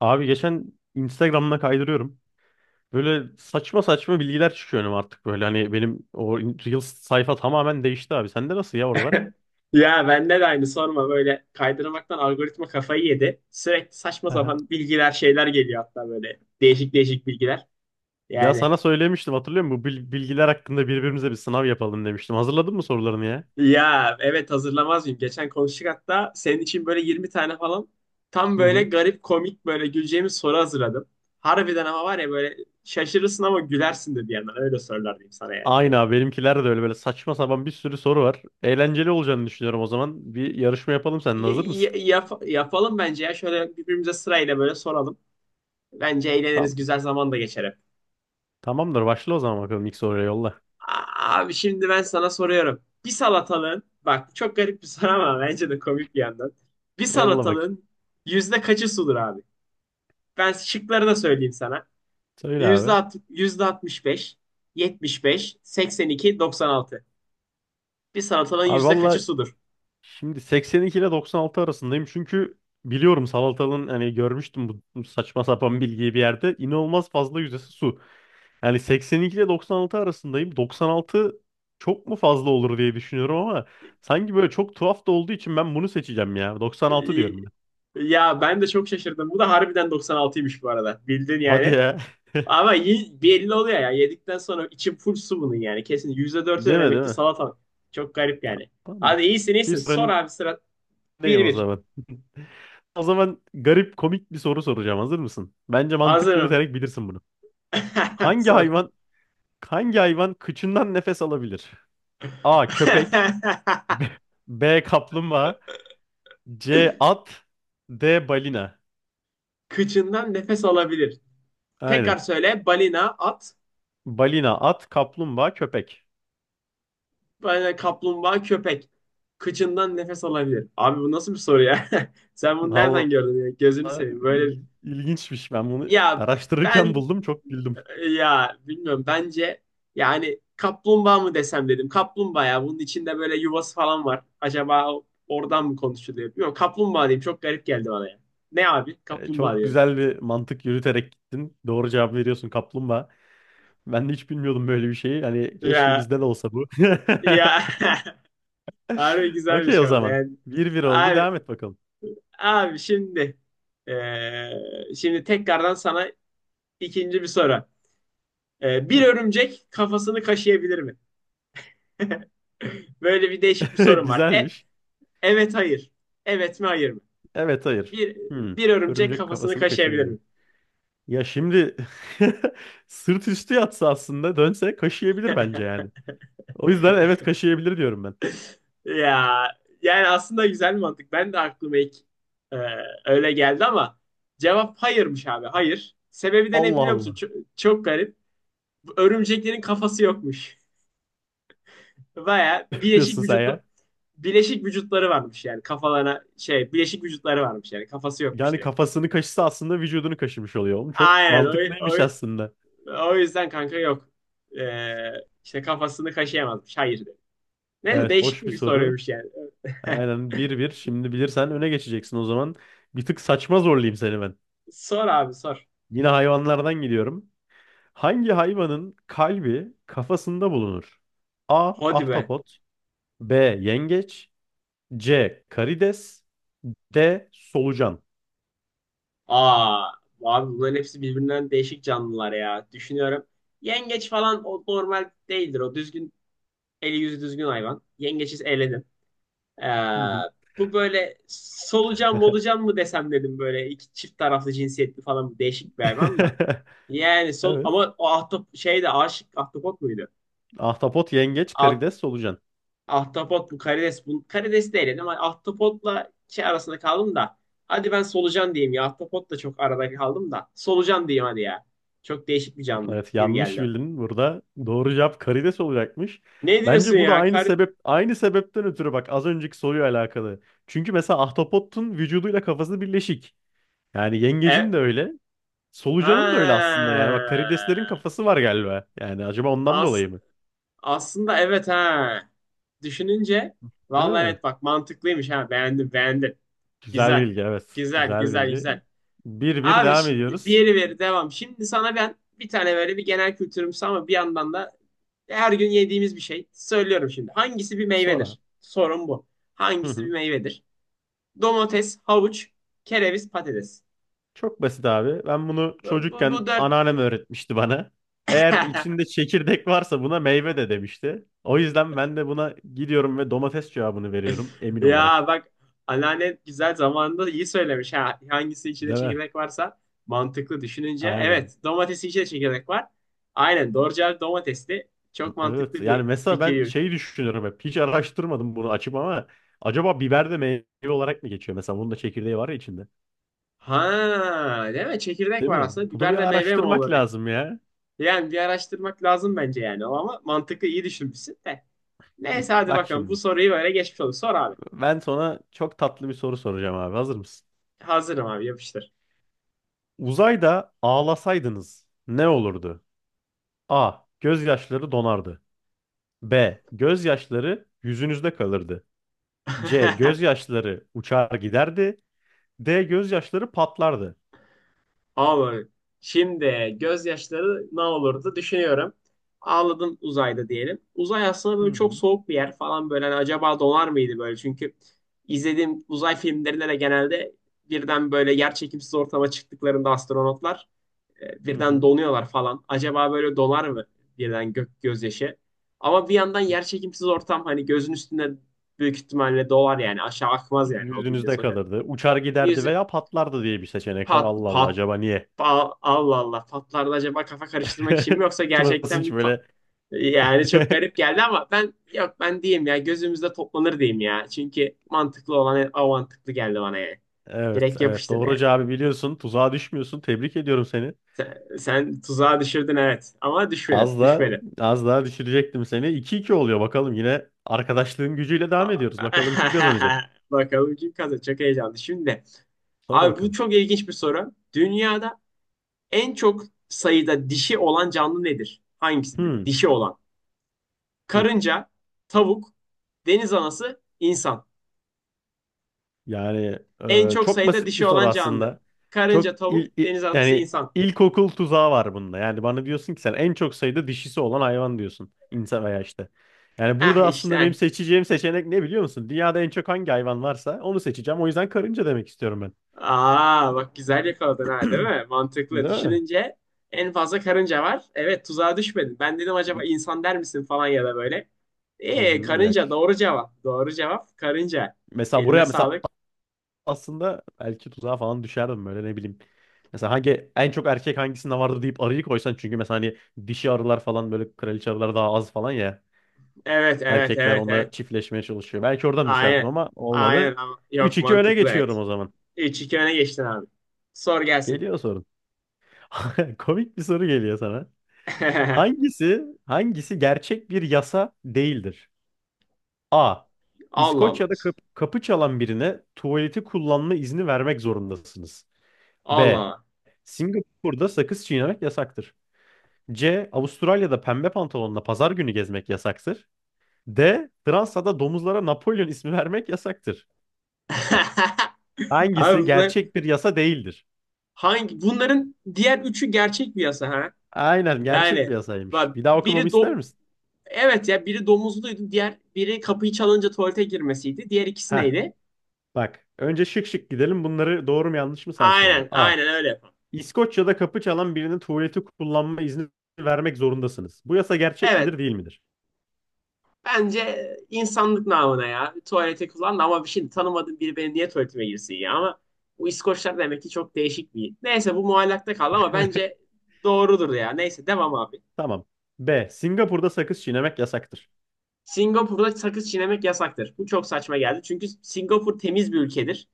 Abi geçen Instagram'ına kaydırıyorum. Böyle saçma saçma bilgiler çıkıyor önüme artık böyle. Hani benim o Reels sayfa tamamen değişti abi. Sende nasıl ya oralar? Ya bende de aynı sorma böyle kaydırmaktan algoritma kafayı yedi. Sürekli saçma Aha. sapan bilgiler şeyler geliyor hatta böyle değişik değişik bilgiler. Ya Yani. sana söylemiştim hatırlıyor musun? Bu bilgiler hakkında birbirimize bir sınav yapalım demiştim. Hazırladın mı sorularını ya? Ya evet, hazırlamaz mıyım? Geçen konuştuk hatta senin için böyle 20 tane falan, tam Hı böyle hı. garip komik böyle güleceğimiz soru hazırladım. Harbiden ama var ya, böyle şaşırırsın ama gülersin de bir yandan, öyle sorular diyeyim sana yani. Aynı abi benimkiler de öyle böyle saçma sapan bir sürü soru var. Eğlenceli olacağını düşünüyorum o zaman. Bir yarışma yapalım seninle, Y- hazır mısın? y- yap- yapalım bence ya, şöyle birbirimize sırayla böyle soralım. Bence eğleniriz, güzel Tamamdır. zaman da geçer hep. Tamamdır, başla o zaman bakalım, ilk soruya yolla. Abi şimdi ben sana soruyorum. Bir salatalığın, bak çok garip bir soru ama bence de komik bir yandan. Bir Yolla bakayım. salatalığın yüzde kaçı sudur abi? Ben şıkları da söyleyeyim sana. Söyle Yüzde, abi. %65, %75, %82, %96. Bir salatalığın Abi yüzde kaçı valla, sudur? şimdi 82 ile 96 arasındayım çünkü biliyorum salatalığın, hani görmüştüm bu saçma sapan bilgiyi bir yerde. İnanılmaz fazla yüzdesi su. Yani 82 ile 96 arasındayım. 96 çok mu fazla olur diye düşünüyorum ama sanki böyle çok tuhaf da olduğu için ben bunu seçeceğim ya. 96 Ee, diyorum ben. Ya ben de çok şaşırdım. Bu da harbiden %96'ymış bu arada. Bildin Hadi yani. ya. Ama belli oluyor ya. Yedikten sonra içim full su bunun yani. Kesin. %4'ü Değil de mi, değil demek ki mi? salatalık. Çok garip yani. Hadi, Tamamdır. iyisin Bir iyisin. Sor sorun, abi, sıra. öndeyim Bir o bir. zaman. O zaman garip komik bir soru soracağım. Hazır mısın? Bence mantık Hazırım. yürüterek bilirsin bunu. Hangi Sor. hayvan Hangi hayvan kıçından nefes alabilir? A. Köpek. B. Kaplumbağa. C. At. D. Balina. Kıçından nefes alabilir. Aynen. Tekrar söyle. Balina, at, Balina, at, kaplumbağa, köpek. balina, kaplumbağa, köpek. Kıçından nefes alabilir. Abi bu nasıl bir soru ya? Sen bunu Vallahi, nereden gördün ya? Gözünü seveyim. Böyle. ilginçmiş. Ben bunu Ya araştırırken ben buldum. Çok güldüm. Ya, bilmiyorum, bence yani kaplumbağa mı desem dedim. Kaplumbağa, ya bunun içinde böyle yuvası falan var. Acaba oradan mı konuşuluyor? Yok, kaplumbağa diyeyim, çok garip geldi bana ya. Ne abi? Kaplumbağa Çok diyorum. güzel bir mantık yürüterek gittin. Doğru cevap veriyorsun, kaplumbağa. Ben de hiç bilmiyordum böyle bir şeyi. Hani keşke Ya, bizde de olsa bu. ya, harbi Okey güzelmiş o ama zaman. ben. Bir bir oldu. abi Devam et bakalım. abi şimdi, tekrardan sana ikinci bir soru. Bir Hı. örümcek kafasını kaşıyabilir mi? Böyle bir değişik bir sorum var. Güzelmiş. Evet hayır. Evet mi hayır mı? Evet, hayır. Bir, Hmm. bir örümcek Örümcek kafasını kafasını kaşıyabilir mi? kaşıyabilirim. Ya şimdi sırt üstü yatsa aslında dönse kaşıyabilir bence yani. O yüzden evet, kaşıyabilir diyorum ben. Ya yani aslında güzel mantık. Ben de aklıma ilk e, öyle geldi ama cevap hayırmış abi. Hayır. Sebebi de ne Allah biliyor musun? Allah. Çok, çok garip. Bu örümceklerin kafası yokmuş. Baya Ne yapıyorsun sen ya? bileşik vücutları varmış, yani kafalarına şey, bileşik vücutları varmış yani, kafası yokmuş Yani direkt. kafasını kaşısa aslında vücudunu kaşımış oluyor. Oğlum çok Aynen, o, mantıklıymış aslında. o yüzden kanka, yok. E, işte kafasını kaşıyamazmış. Hayır dedi. Neyse, Evet, değişik hoş bir bir soru. soruymuş yani. Aynen, bir bir. Şimdi bilirsen öne geçeceksin o zaman. Bir tık saçma zorlayayım seni ben. Sor abi, sor. Yine hayvanlardan gidiyorum. Hangi hayvanın kalbi kafasında bulunur? A. Hadi be. Ahtapot. B. Yengeç. C. Karides. D. Solucan. Aa, abi bunların hepsi birbirinden değişik canlılar ya. Düşünüyorum. Yengeç falan o normal değildir. O düzgün, eli yüzü düzgün hayvan. Yengeçiz eledim. Ee, Hı hı. Bu böyle solucan molucan mı desem dedim, böyle iki çift taraflı cinsiyetli falan değişik bir hayvan da. Yani Evet. ama o şey de, aşık ahtapot muydu? Ahtapot, yengeç, karides, solucan. Ahtapot mu, karides, bu karides değil, ama ahtapotla şey arasında kaldım da. Hadi ben solucan diyeyim ya. Ahtapot da, çok arada kaldım da. Solucan diyeyim hadi ya. Çok değişik bir canlı Evet, gibi yanlış geldi. bildin. Burada doğru cevap karides olacakmış. Ne diyorsun Bence bu da ya? aynı Kar sebep, aynı sebepten ötürü, bak az önceki soruyla alakalı. Çünkü mesela ahtapotun vücuduyla kafası birleşik. Yani yengecin e de öyle. Solucanın da öyle aslında yani. Bak karideslerin Ha. kafası var galiba. Yani acaba ondan As dolayı mı? aslında evet, ha. Düşününce, Değil vallahi mi? evet, bak mantıklıymış ha. Beğendim, beğendim. Güzel Güzel. bilgi, evet. Güzel, Güzel güzel, bilgi. güzel. Bir bir Abi, devam ediyoruz. diğeri veri devam. Şimdi sana ben bir tane böyle bir genel kültürümsü ama bir yandan da her gün yediğimiz bir şey söylüyorum şimdi. Hangisi bir Sonra. meyvedir? Sorun bu. Hı Hangisi hı. bir meyvedir? Domates, havuç, kereviz, patates. Çok basit abi. Ben bunu Bu çocukken dört. anneannem öğretmişti bana. Eğer içinde çekirdek varsa buna meyve de demişti. O yüzden ben de buna gidiyorum ve domates cevabını veriyorum emin Ya olarak. bak, anneanne güzel zamanında iyi söylemiş. Ha, hangisi içinde Değil mi? çekirdek varsa, mantıklı düşününce. Aynen. Evet, domatesin içinde çekirdek var. Aynen, doğru cevap domatesli. Çok Evet. mantıklı Yani bir mesela ben fikir. şeyi düşünüyorum hep. Hiç araştırmadım bunu açıp ama acaba biber de meyve olarak mı geçiyor? Mesela bunun da çekirdeği var ya içinde. Ha, değil mi? Çekirdek Değil var mi? aslında. Bunu bir Biber de meyve mi araştırmak olur diye. lazım ya. Yani bir araştırmak lazım bence yani. Ama mantıklı, iyi düşünmüşsün de. Neyse hadi Bak bakalım. Bu şimdi. soruyu böyle geçmiş olduk. Sor abi. Ben sana çok tatlı bir soru soracağım abi. Hazır mısın? Hazırım abi, yapıştır. Uzayda ağlasaydınız ne olurdu? A. Gözyaşları donardı. B. Gözyaşları yüzünüzde kalırdı. C. Gözyaşları uçar giderdi. D. Gözyaşları patlardı. Abi şimdi gözyaşları ne olurdu düşünüyorum. Ağladım uzayda diyelim. Uzay aslında böyle Hı çok hı. soğuk bir yer falan böyle. Hani acaba donar mıydı böyle? Çünkü izlediğim uzay filmlerinde de genelde birden böyle, yer çekimsiz ortama çıktıklarında astronotlar, Hı birden hı. donuyorlar falan. Acaba böyle donar mı birden gök gözyaşı? Ama bir yandan yer çekimsiz ortam, hani gözün üstünde büyük ihtimalle dolar yani, aşağı akmaz yani o, bildiğin Yüzünüzde sonuçta. kalırdı. Uçar giderdi Yüzü veya patlardı diye bir seçenek var. pat Allah Allah, pat acaba niye? pa- Allah Allah, patlarda acaba kafa karıştırmak için mi, yoksa Uçmasın gerçekten hiç bir böyle. yani çok garip geldi, ama ben, yok, ben diyeyim ya gözümüzde toplanır diyeyim ya. Çünkü mantıklı olan o, mantıklı geldi bana yani. Evet, Direkt evet. yapıştır Doğru yani. cevabı biliyorsun. Tuzağa düşmüyorsun. Tebrik ediyorum seni. Sen tuzağa düşürdün evet, ama düşmedim, Az daha düşmedim. az daha düşürecektim seni. İki iki oluyor bakalım. Yine arkadaşlığın gücüyle devam ediyoruz. Bakalım kim kazanacak? Bakalım kim kazanacak. Heyecanlı. Şimdi Sor abi, bu bakalım. çok ilginç bir soru. Dünyada en çok sayıda dişi olan canlı nedir? Hangisidir? Hmm. Dişi olan. Hmm. Karınca, tavuk, deniz anası, insan. Yani En çok çok sayıda basit bir dişi soru olan canlı. aslında. Karınca, Çok tavuk, il, il- deniz anası, yani insan. ilkokul tuzağı var bunda. Yani bana diyorsun ki sen en çok sayıda dişisi olan hayvan diyorsun. İnsan veya işte. Yani Ah burada aslında benim işte. seçeceğim seçenek ne biliyor musun? Dünyada en çok hangi hayvan varsa onu seçeceğim. O yüzden karınca demek istiyorum ben. Aa, bak güzel yakaladın ha, değil mi? Mantıklı. Değil mi? Düşününce en fazla karınca var. Evet, tuzağa düşmedin. Ben dedim acaba insan der misin falan ya da böyle. Hı hı, yok. Karınca, doğru cevap. Doğru cevap karınca. Mesela Eline buraya mesela sağlık. aslında belki tuzağa falan düşerdim böyle, ne bileyim. Mesela hangi en çok erkek hangisinde vardı deyip arıyı koysan çünkü mesela hani dişi arılar falan böyle kraliçe arılar daha az falan ya. Evet, evet, Erkekler evet, evet. onunla çiftleşmeye çalışıyor. Belki oradan düşerdim Aynen. ama Aynen, olmadı. ama Üç yok, iki öne mantıklı geçiyorum evet. o zaman. 3-2 öne geçtin abi. Sor gelsin. Geliyor sorun. Komik bir soru geliyor sana. Hangisi gerçek bir yasa değildir? A. Allah Allah. İskoçya'da kapı çalan birine tuvaleti kullanma izni vermek zorundasınız. Allah B. Allah. Singapur'da sakız çiğnemek yasaktır. C. Avustralya'da pembe pantolonla pazar günü gezmek yasaktır. D. Fransa'da domuzlara Napolyon ismi vermek yasaktır. Abi, Hangisi gerçek bir yasa değildir? hangi bunların diğer üçü gerçek bir yasa ha? Aynen, gerçek bir Yani yasaymış. bak, Bir daha okumamı biri ister misin? evet ya, biri domuzluydu, diğer biri kapıyı çalınca tuvalete girmesiydi. Diğer ikisi Heh, neydi? bak. Önce şık şık gidelim. Bunları doğru mu yanlış mı sen söyle. Aynen, A. aynen, öyle yapalım. İskoçya'da kapı çalan birinin tuvaleti kullanma izni vermek zorundasınız. Bu yasa gerçek Evet, midir değil midir? bence insanlık namına ya, tuvalete kullandı ama, bir şey tanımadığım biri benim niye tuvaletime girsin ya, ama bu İskoçlar demek ki çok değişik bir. Neyse, bu muallakta kaldı ama bence doğrudur ya. Neyse, devam abi. Tamam. B. Singapur'da sakız çiğnemek yasaktır. Singapur'da sakız çiğnemek yasaktır. Bu çok saçma geldi. Çünkü Singapur temiz bir ülkedir.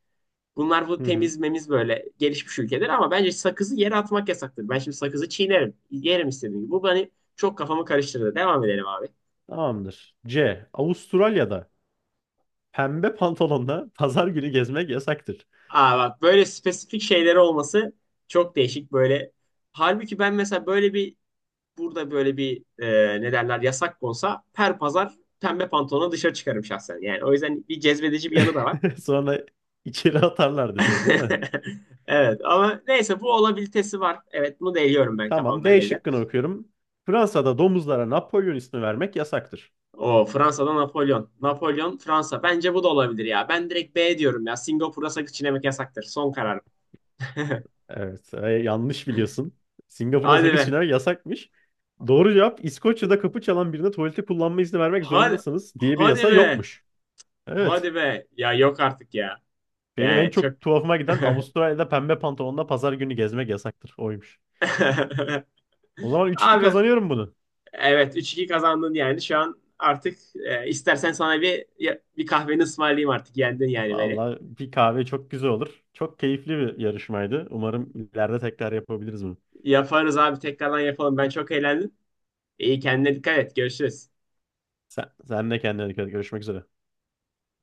Bunlar bu Hı hı. temiz memiz böyle gelişmiş ülkeler, ama bence sakızı yere atmak yasaktır. Ben şimdi sakızı çiğnerim. Yerim istediğim gibi. Bu beni çok, kafamı karıştırdı. Devam edelim abi. Tamamdır. C. Avustralya'da pembe pantolonla pazar günü gezmek yasaktır. Aa bak, böyle spesifik şeyleri olması çok değişik böyle. Halbuki ben mesela böyle bir, burada böyle bir, ne derler, yasak konsa her pazar pembe pantolonla dışarı çıkarım şahsen. Yani o yüzden bir cezbedici bir yanı da var. Sonra içeri atarlardı seni değil mi? Evet ama neyse, bu olabilitesi var. Evet, bunu da eliyorum ben Tamam. kafamdan, D elden. şıkkını okuyorum. Fransa'da domuzlara Napolyon ismi vermek yasaktır. O Fransa'da Napolyon. Napolyon Fransa. Bence bu da olabilir ya. Ben direkt B diyorum ya. Singapur'a sakız çiğnemek yasaktır. Son karar. Evet. Yanlış biliyorsun. Singapur'da Hadi sakız be. çiğnemek yasakmış. Doğru cevap, İskoçya'da kapı çalan birine tuvalete kullanma izni vermek Hadi, zorundasınız diye bir hadi yasa be. yokmuş. Evet. Hadi be. Ya yok artık ya. Benim en Yani çok... çok tuhafıma giden Avustralya'da pembe pantolonla pazar günü gezmek yasaktır. Oymuş. O zaman üç iki Abi, kazanıyorum bunu. evet, 3-2 kazandın yani. Şu an artık, istersen sana bir, bir kahveni ısmarlayayım artık. Yendin yani beni. Vallahi bir kahve çok güzel olur. Çok keyifli bir yarışmaydı. Umarım ileride tekrar yapabiliriz bunu. Yaparız abi, tekrardan yapalım. Ben çok eğlendim. İyi, kendine dikkat et. Görüşürüz. Sen de kendine dikkat et. Görüşmek üzere.